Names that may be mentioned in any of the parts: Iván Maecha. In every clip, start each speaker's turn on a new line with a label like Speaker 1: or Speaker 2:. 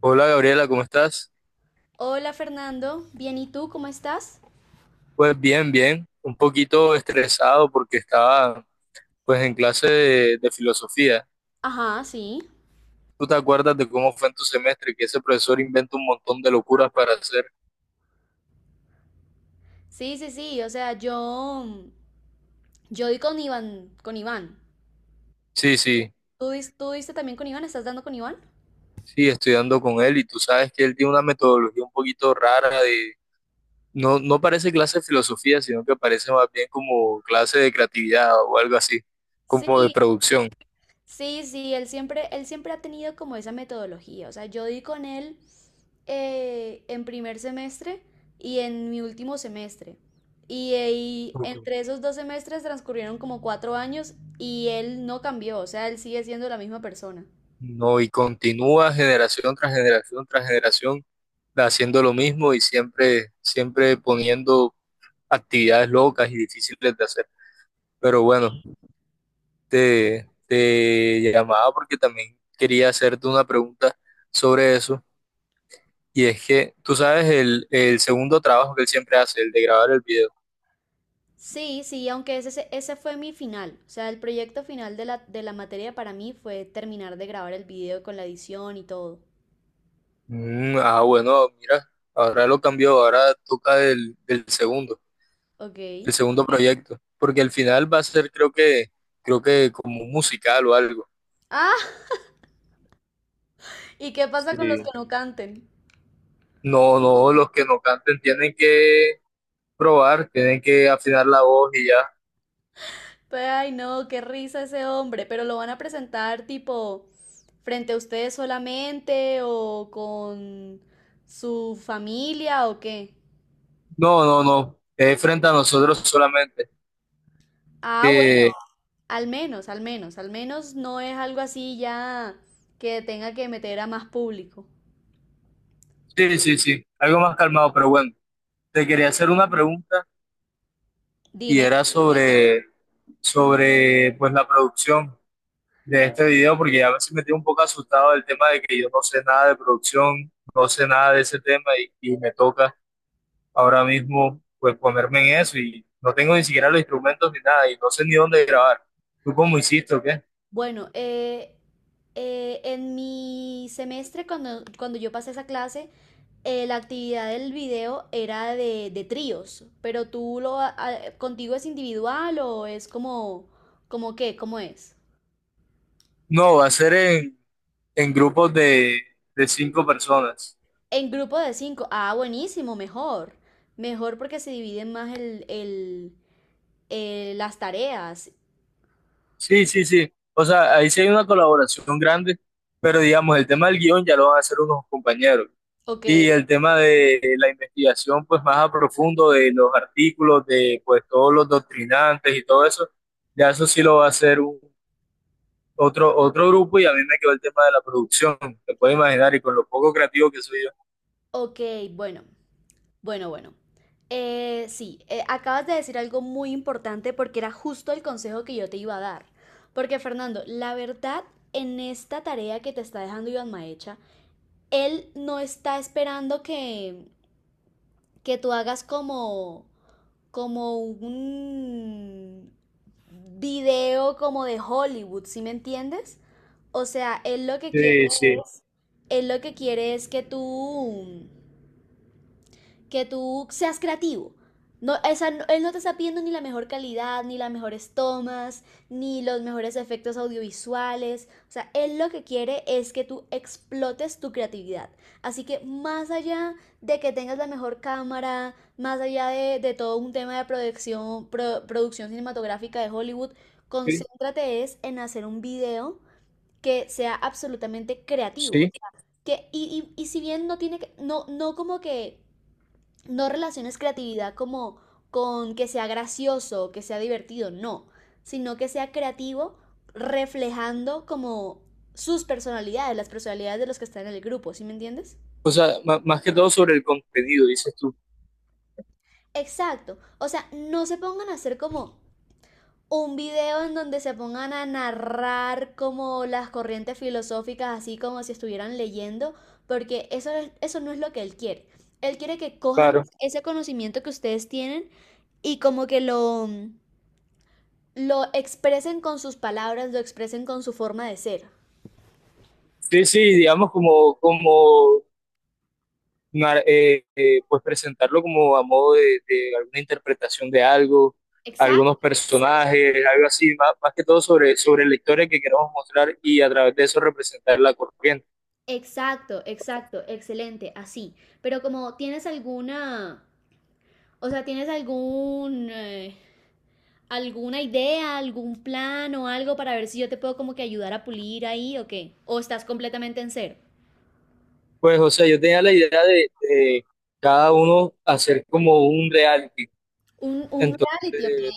Speaker 1: Hola Gabriela, ¿cómo estás?
Speaker 2: Hola Fernando, bien, ¿y tú cómo estás?
Speaker 1: Pues bien, bien, un poquito estresado porque estaba pues en clase de filosofía.
Speaker 2: Ajá, sí.
Speaker 1: ¿Tú te acuerdas de cómo fue en tu semestre que ese profesor inventa un montón de locuras para hacer?
Speaker 2: Sí, sí, sí, o sea, yo di con Iván, con Iván.
Speaker 1: Sí, sí,
Speaker 2: ¿Tú, tú diste también con Iván? ¿Estás dando con Iván?
Speaker 1: sí, estudiando con él y tú sabes que él tiene una metodología un poquito rara de... No, no parece clase de filosofía, sino que parece más bien como clase de creatividad o algo así, como de
Speaker 2: Sí,
Speaker 1: producción.
Speaker 2: sí, sí, él siempre ha tenido como esa metodología, o sea, yo di con él en primer semestre y en mi último semestre. Y ahí, entre esos dos semestres transcurrieron como 4 años y él no cambió, o sea, él sigue siendo la misma persona.
Speaker 1: No, y continúa generación tras generación tras generación haciendo lo mismo y siempre, siempre poniendo actividades locas y difíciles de hacer. Pero bueno, te llamaba porque también quería hacerte una pregunta sobre eso. Y es que, tú sabes, el segundo trabajo que él siempre hace, el de grabar el video.
Speaker 2: Sí, sí, aunque ese fue mi final. O sea, el proyecto final de la materia para mí fue terminar de grabar el video con la edición y todo.
Speaker 1: Bueno, mira, ahora lo cambió, ahora toca el segundo.
Speaker 2: Ok.
Speaker 1: El segundo proyecto, porque al final va a ser creo que como un musical o algo.
Speaker 2: Ah, ¿y qué pasa con los que
Speaker 1: Sí.
Speaker 2: no canten?
Speaker 1: No, no, los que no canten tienen que probar, tienen que afinar la voz y ya.
Speaker 2: Pues, ay, no, qué risa ese hombre, pero lo van a presentar tipo frente a ustedes solamente o con su familia o qué.
Speaker 1: No, no, no, es frente a nosotros solamente.
Speaker 2: Ah, bueno.
Speaker 1: Eh,
Speaker 2: Al menos, al menos, al menos no es algo así ya que tenga que meter a más público.
Speaker 1: sí, sí, sí, algo más calmado, pero bueno, te quería hacer una pregunta y
Speaker 2: Dime.
Speaker 1: era sobre, sobre pues la producción de este video, porque ya me metí un poco asustado del tema de que yo no sé nada de producción, no sé nada de ese tema y me toca ahora mismo, pues ponerme en eso y no tengo ni siquiera los instrumentos ni nada y no sé ni dónde grabar. ¿Tú cómo hiciste o qué?
Speaker 2: Bueno, en mi semestre, cuando, cuando yo pasé esa clase, la actividad del video era de tríos, pero tú lo, contigo es individual o es como, como qué, ¿cómo es?
Speaker 1: No, va a ser en grupos de cinco personas.
Speaker 2: En grupo de 5, ah, buenísimo, mejor, mejor porque se dividen más el, las tareas,
Speaker 1: Sí, sí, sí. O sea, ahí sí hay una colaboración grande, pero digamos, el tema del guión ya lo van a hacer unos compañeros.
Speaker 2: ok.
Speaker 1: Y el tema de la investigación, pues más a profundo de los artículos, de pues todos los doctrinantes y todo eso, ya eso sí lo va a hacer otro grupo y a mí me quedó el tema de la producción, te puedes imaginar, y con lo poco creativo que soy yo.
Speaker 2: Ok, bueno, bueno, bueno. Sí, acabas de decir algo muy importante porque era justo el consejo que yo te iba a dar. Porque Fernando, la verdad, en esta tarea que te está dejando Iván Maecha, él no está esperando que tú hagas como, como un video como de Hollywood, ¿sí me entiendes? O sea, él lo que quiere
Speaker 1: Sí, sí,
Speaker 2: es, él lo que quiere es que tú seas creativo. No, esa, no, él no te está pidiendo ni la mejor calidad, ni las mejores tomas, ni los mejores efectos audiovisuales. O sea, él lo que quiere es que tú explotes tu creatividad. Así que más allá de que tengas la mejor cámara, más allá de todo un tema de producción, producción cinematográfica de Hollywood,
Speaker 1: sí.
Speaker 2: concéntrate es en hacer un video que sea absolutamente creativo.
Speaker 1: Sí.
Speaker 2: Que, y, y si bien no tiene que, no, no como que no relaciones creatividad como con que sea gracioso, que sea divertido, no, sino que sea creativo reflejando como sus personalidades, las personalidades de los que están en el grupo, ¿sí me entiendes?
Speaker 1: O sea, ma- más que todo sobre el contenido, dices tú.
Speaker 2: Exacto, o sea, no se pongan a hacer como un video en donde se pongan a narrar como las corrientes filosóficas, así como si estuvieran leyendo, porque eso, eso no es lo que él quiere. Él quiere que cojan
Speaker 1: Claro.
Speaker 2: ese conocimiento que ustedes tienen y como que lo, lo expresen con sus palabras, lo expresen con su forma de ser.
Speaker 1: Sí, sí, digamos como, como nar- pues presentarlo como a modo de alguna interpretación de algo, algunos
Speaker 2: Exacto,
Speaker 1: personajes, algo así, más, más que todo sobre, sobre la historia que queremos mostrar y a través de eso representar la corriente.
Speaker 2: exacto, exacto, excelente, así. Pero como tienes alguna, o sea, tienes algún, alguna idea, algún plan o algo para ver si yo te puedo como que ayudar a pulir ahí o qué. O estás completamente en cero.
Speaker 1: Pues, o sea, yo tenía la idea de cada uno hacer como un reality.
Speaker 2: Un reality, ok.
Speaker 1: Entonces,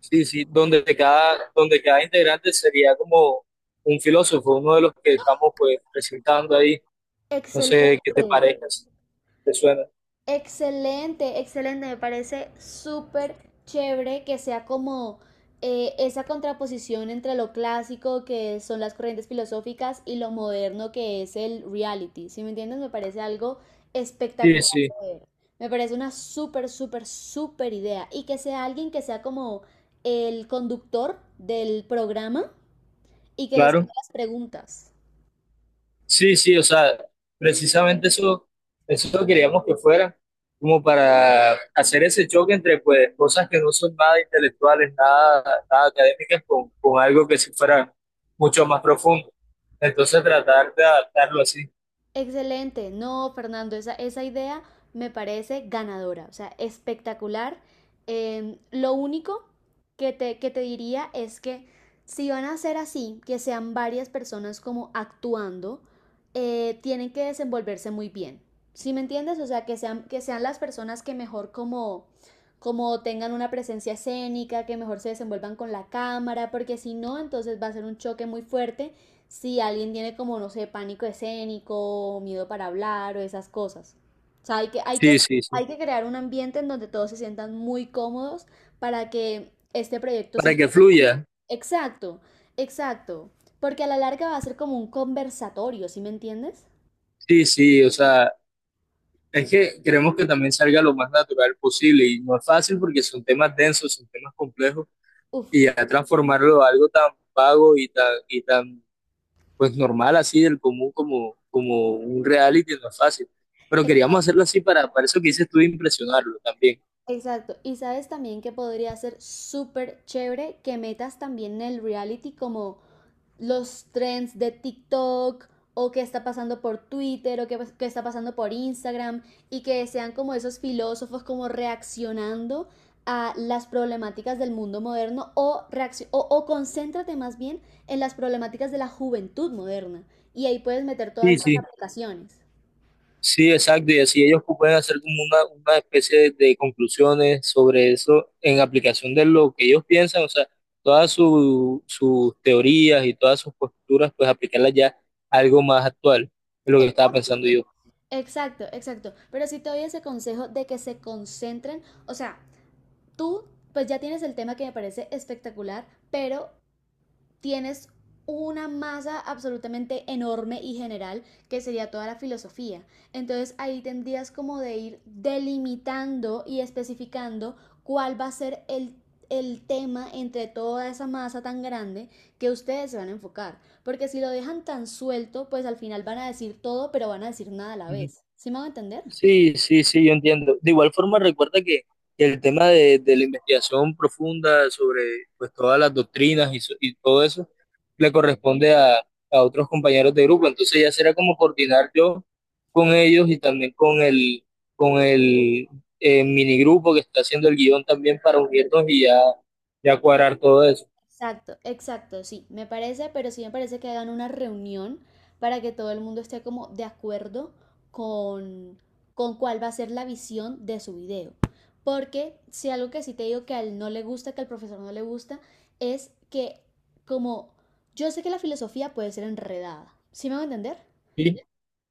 Speaker 1: sí, sí, donde cada integrante sería como un filósofo, uno de los que estamos pues presentando ahí. No
Speaker 2: Excelente.
Speaker 1: sé qué te parezca, si te suena.
Speaker 2: Excelente, excelente. Me parece súper chévere que sea como esa contraposición entre lo clásico que son las corrientes filosóficas y lo moderno que es el reality. Si me entiendes, me parece algo
Speaker 1: Sí,
Speaker 2: espectacular
Speaker 1: sí,
Speaker 2: de ver. Me parece una súper, súper, súper idea. Y que sea alguien que sea como el conductor del programa y que les
Speaker 1: claro.
Speaker 2: haga las preguntas.
Speaker 1: Sí, sí, o sea, precisamente eso, eso queríamos que fuera, como para hacer ese choque entre pues cosas que no son nada intelectuales, nada, nada académicas, con algo que sí fuera mucho más profundo. Entonces tratar de adaptarlo así.
Speaker 2: Excelente, no, Fernando, esa idea me parece ganadora, o sea, espectacular. Lo único que te diría es que si van a ser así, que sean varias personas como actuando, tienen que desenvolverse muy bien. ¿Sí me entiendes? O sea, que sean las personas que mejor como, como tengan una presencia escénica, que mejor se desenvuelvan con la cámara, porque si no, entonces va a ser un choque muy fuerte si alguien tiene como, no sé, pánico escénico, miedo para hablar o esas cosas. O sea, hay que, hay que,
Speaker 1: Sí, sí, sí.
Speaker 2: hay que crear un ambiente en donde todos se sientan muy cómodos para que este proyecto sí
Speaker 1: Para que
Speaker 2: sea...
Speaker 1: fluya.
Speaker 2: Exacto, exacto. Porque a la larga va a ser como un conversatorio, ¿sí me entiendes?
Speaker 1: Sí, sí, o sea, es que queremos que también salga lo más natural posible y no es fácil porque son temas densos, son temas complejos
Speaker 2: Uf,
Speaker 1: y ya transformarlo a algo tan vago y tan pues normal, así del común, como, como un reality, no es fácil. Pero
Speaker 2: ex-
Speaker 1: queríamos hacerlo así para eso que dices tú, de impresionarlo también.
Speaker 2: exacto. Y sabes también que podría ser súper chévere que metas también el reality como los trends de TikTok o qué está pasando por Twitter o qué, qué, está pasando por Instagram y que sean como esos filósofos como reaccionando a las problemáticas del mundo moderno o, o concéntrate más bien en las problemáticas de la juventud moderna y ahí puedes meter todas
Speaker 1: Sí,
Speaker 2: estas
Speaker 1: sí,
Speaker 2: aplicaciones.
Speaker 1: sí, exacto. Y así ellos pueden hacer como una especie de conclusiones sobre eso en aplicación de lo que ellos piensan, o sea, todas su- sus teorías y todas sus posturas, pues aplicarlas ya a algo más actual, es lo
Speaker 2: E,
Speaker 1: que estaba pensando yo.
Speaker 2: Exacto, exacto. Pero sí te doy ese consejo de que se concentren, o sea, tú pues ya tienes el tema que me parece espectacular, pero tienes una masa absolutamente enorme y general que sería toda la filosofía. Entonces ahí tendrías como de ir delimitando y especificando cuál va a ser el tema entre toda esa masa tan grande que ustedes se van a enfocar. Porque si lo dejan tan suelto, pues al final van a decir todo, pero van a decir nada a la vez. ¿Sí me van a entender?
Speaker 1: Sí, sí, sí, yo entiendo. De igual forma, recuerda que el tema de la investigación profunda sobre pues, todas las doctrinas y, so- y todo eso le corresponde a otros compañeros de grupo. Entonces ya será como coordinar yo con ellos y también con el minigrupo que está haciendo el guión también para unirnos y ya, ya cuadrar todo eso.
Speaker 2: Exacto, exacto, sí, me parece, pero sí me parece que hagan una reunión para que todo el mundo esté como de acuerdo con, con cuál va a ser la visión de su video. Porque si algo que sí te digo que a él no le gusta, que al profesor no le gusta, es que como yo sé que la filosofía puede ser enredada, ¿sí me van a entender?
Speaker 1: Sí,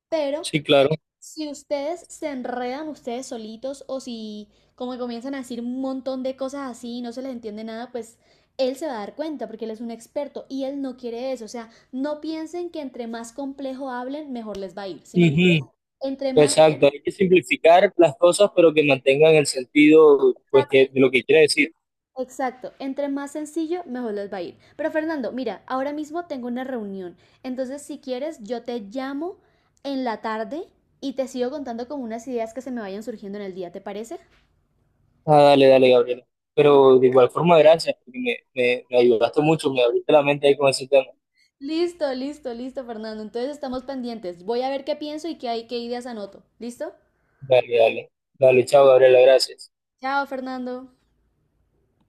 Speaker 2: Pero
Speaker 1: sí, claro.
Speaker 2: si ustedes se enredan ustedes solitos o si como que comienzan a decir un montón de cosas así y no se les entiende nada, pues él se va a dar cuenta porque él es un experto y él no quiere eso. O sea, no piensen que entre más complejo hablen, mejor les va a ir. ¿Sí me entienden?
Speaker 1: Ujú.
Speaker 2: Entre más
Speaker 1: Exacto, hay que simplificar las cosas, pero que mantengan el sentido pues, que,
Speaker 2: exacto,
Speaker 1: de lo que quiere decir.
Speaker 2: exacto, entre más sencillo, mejor les va a ir. Pero Fernando, mira, ahora mismo tengo una reunión. Entonces, si quieres, yo te llamo en la tarde y te sigo contando con unas ideas que se me vayan surgiendo en el día, ¿te parece?
Speaker 1: Ah, dale, dale, Gabriela. Pero de igual forma, gracias, porque me ayudaste mucho, me abriste la mente ahí con ese tema.
Speaker 2: Listo, listo, listo, Fernando. Entonces estamos pendientes. Voy a ver qué pienso y qué hay, qué ideas anoto. ¿Listo?
Speaker 1: Dale, dale. Dale, chao, Gabriela, gracias.
Speaker 2: Chao, Fernando.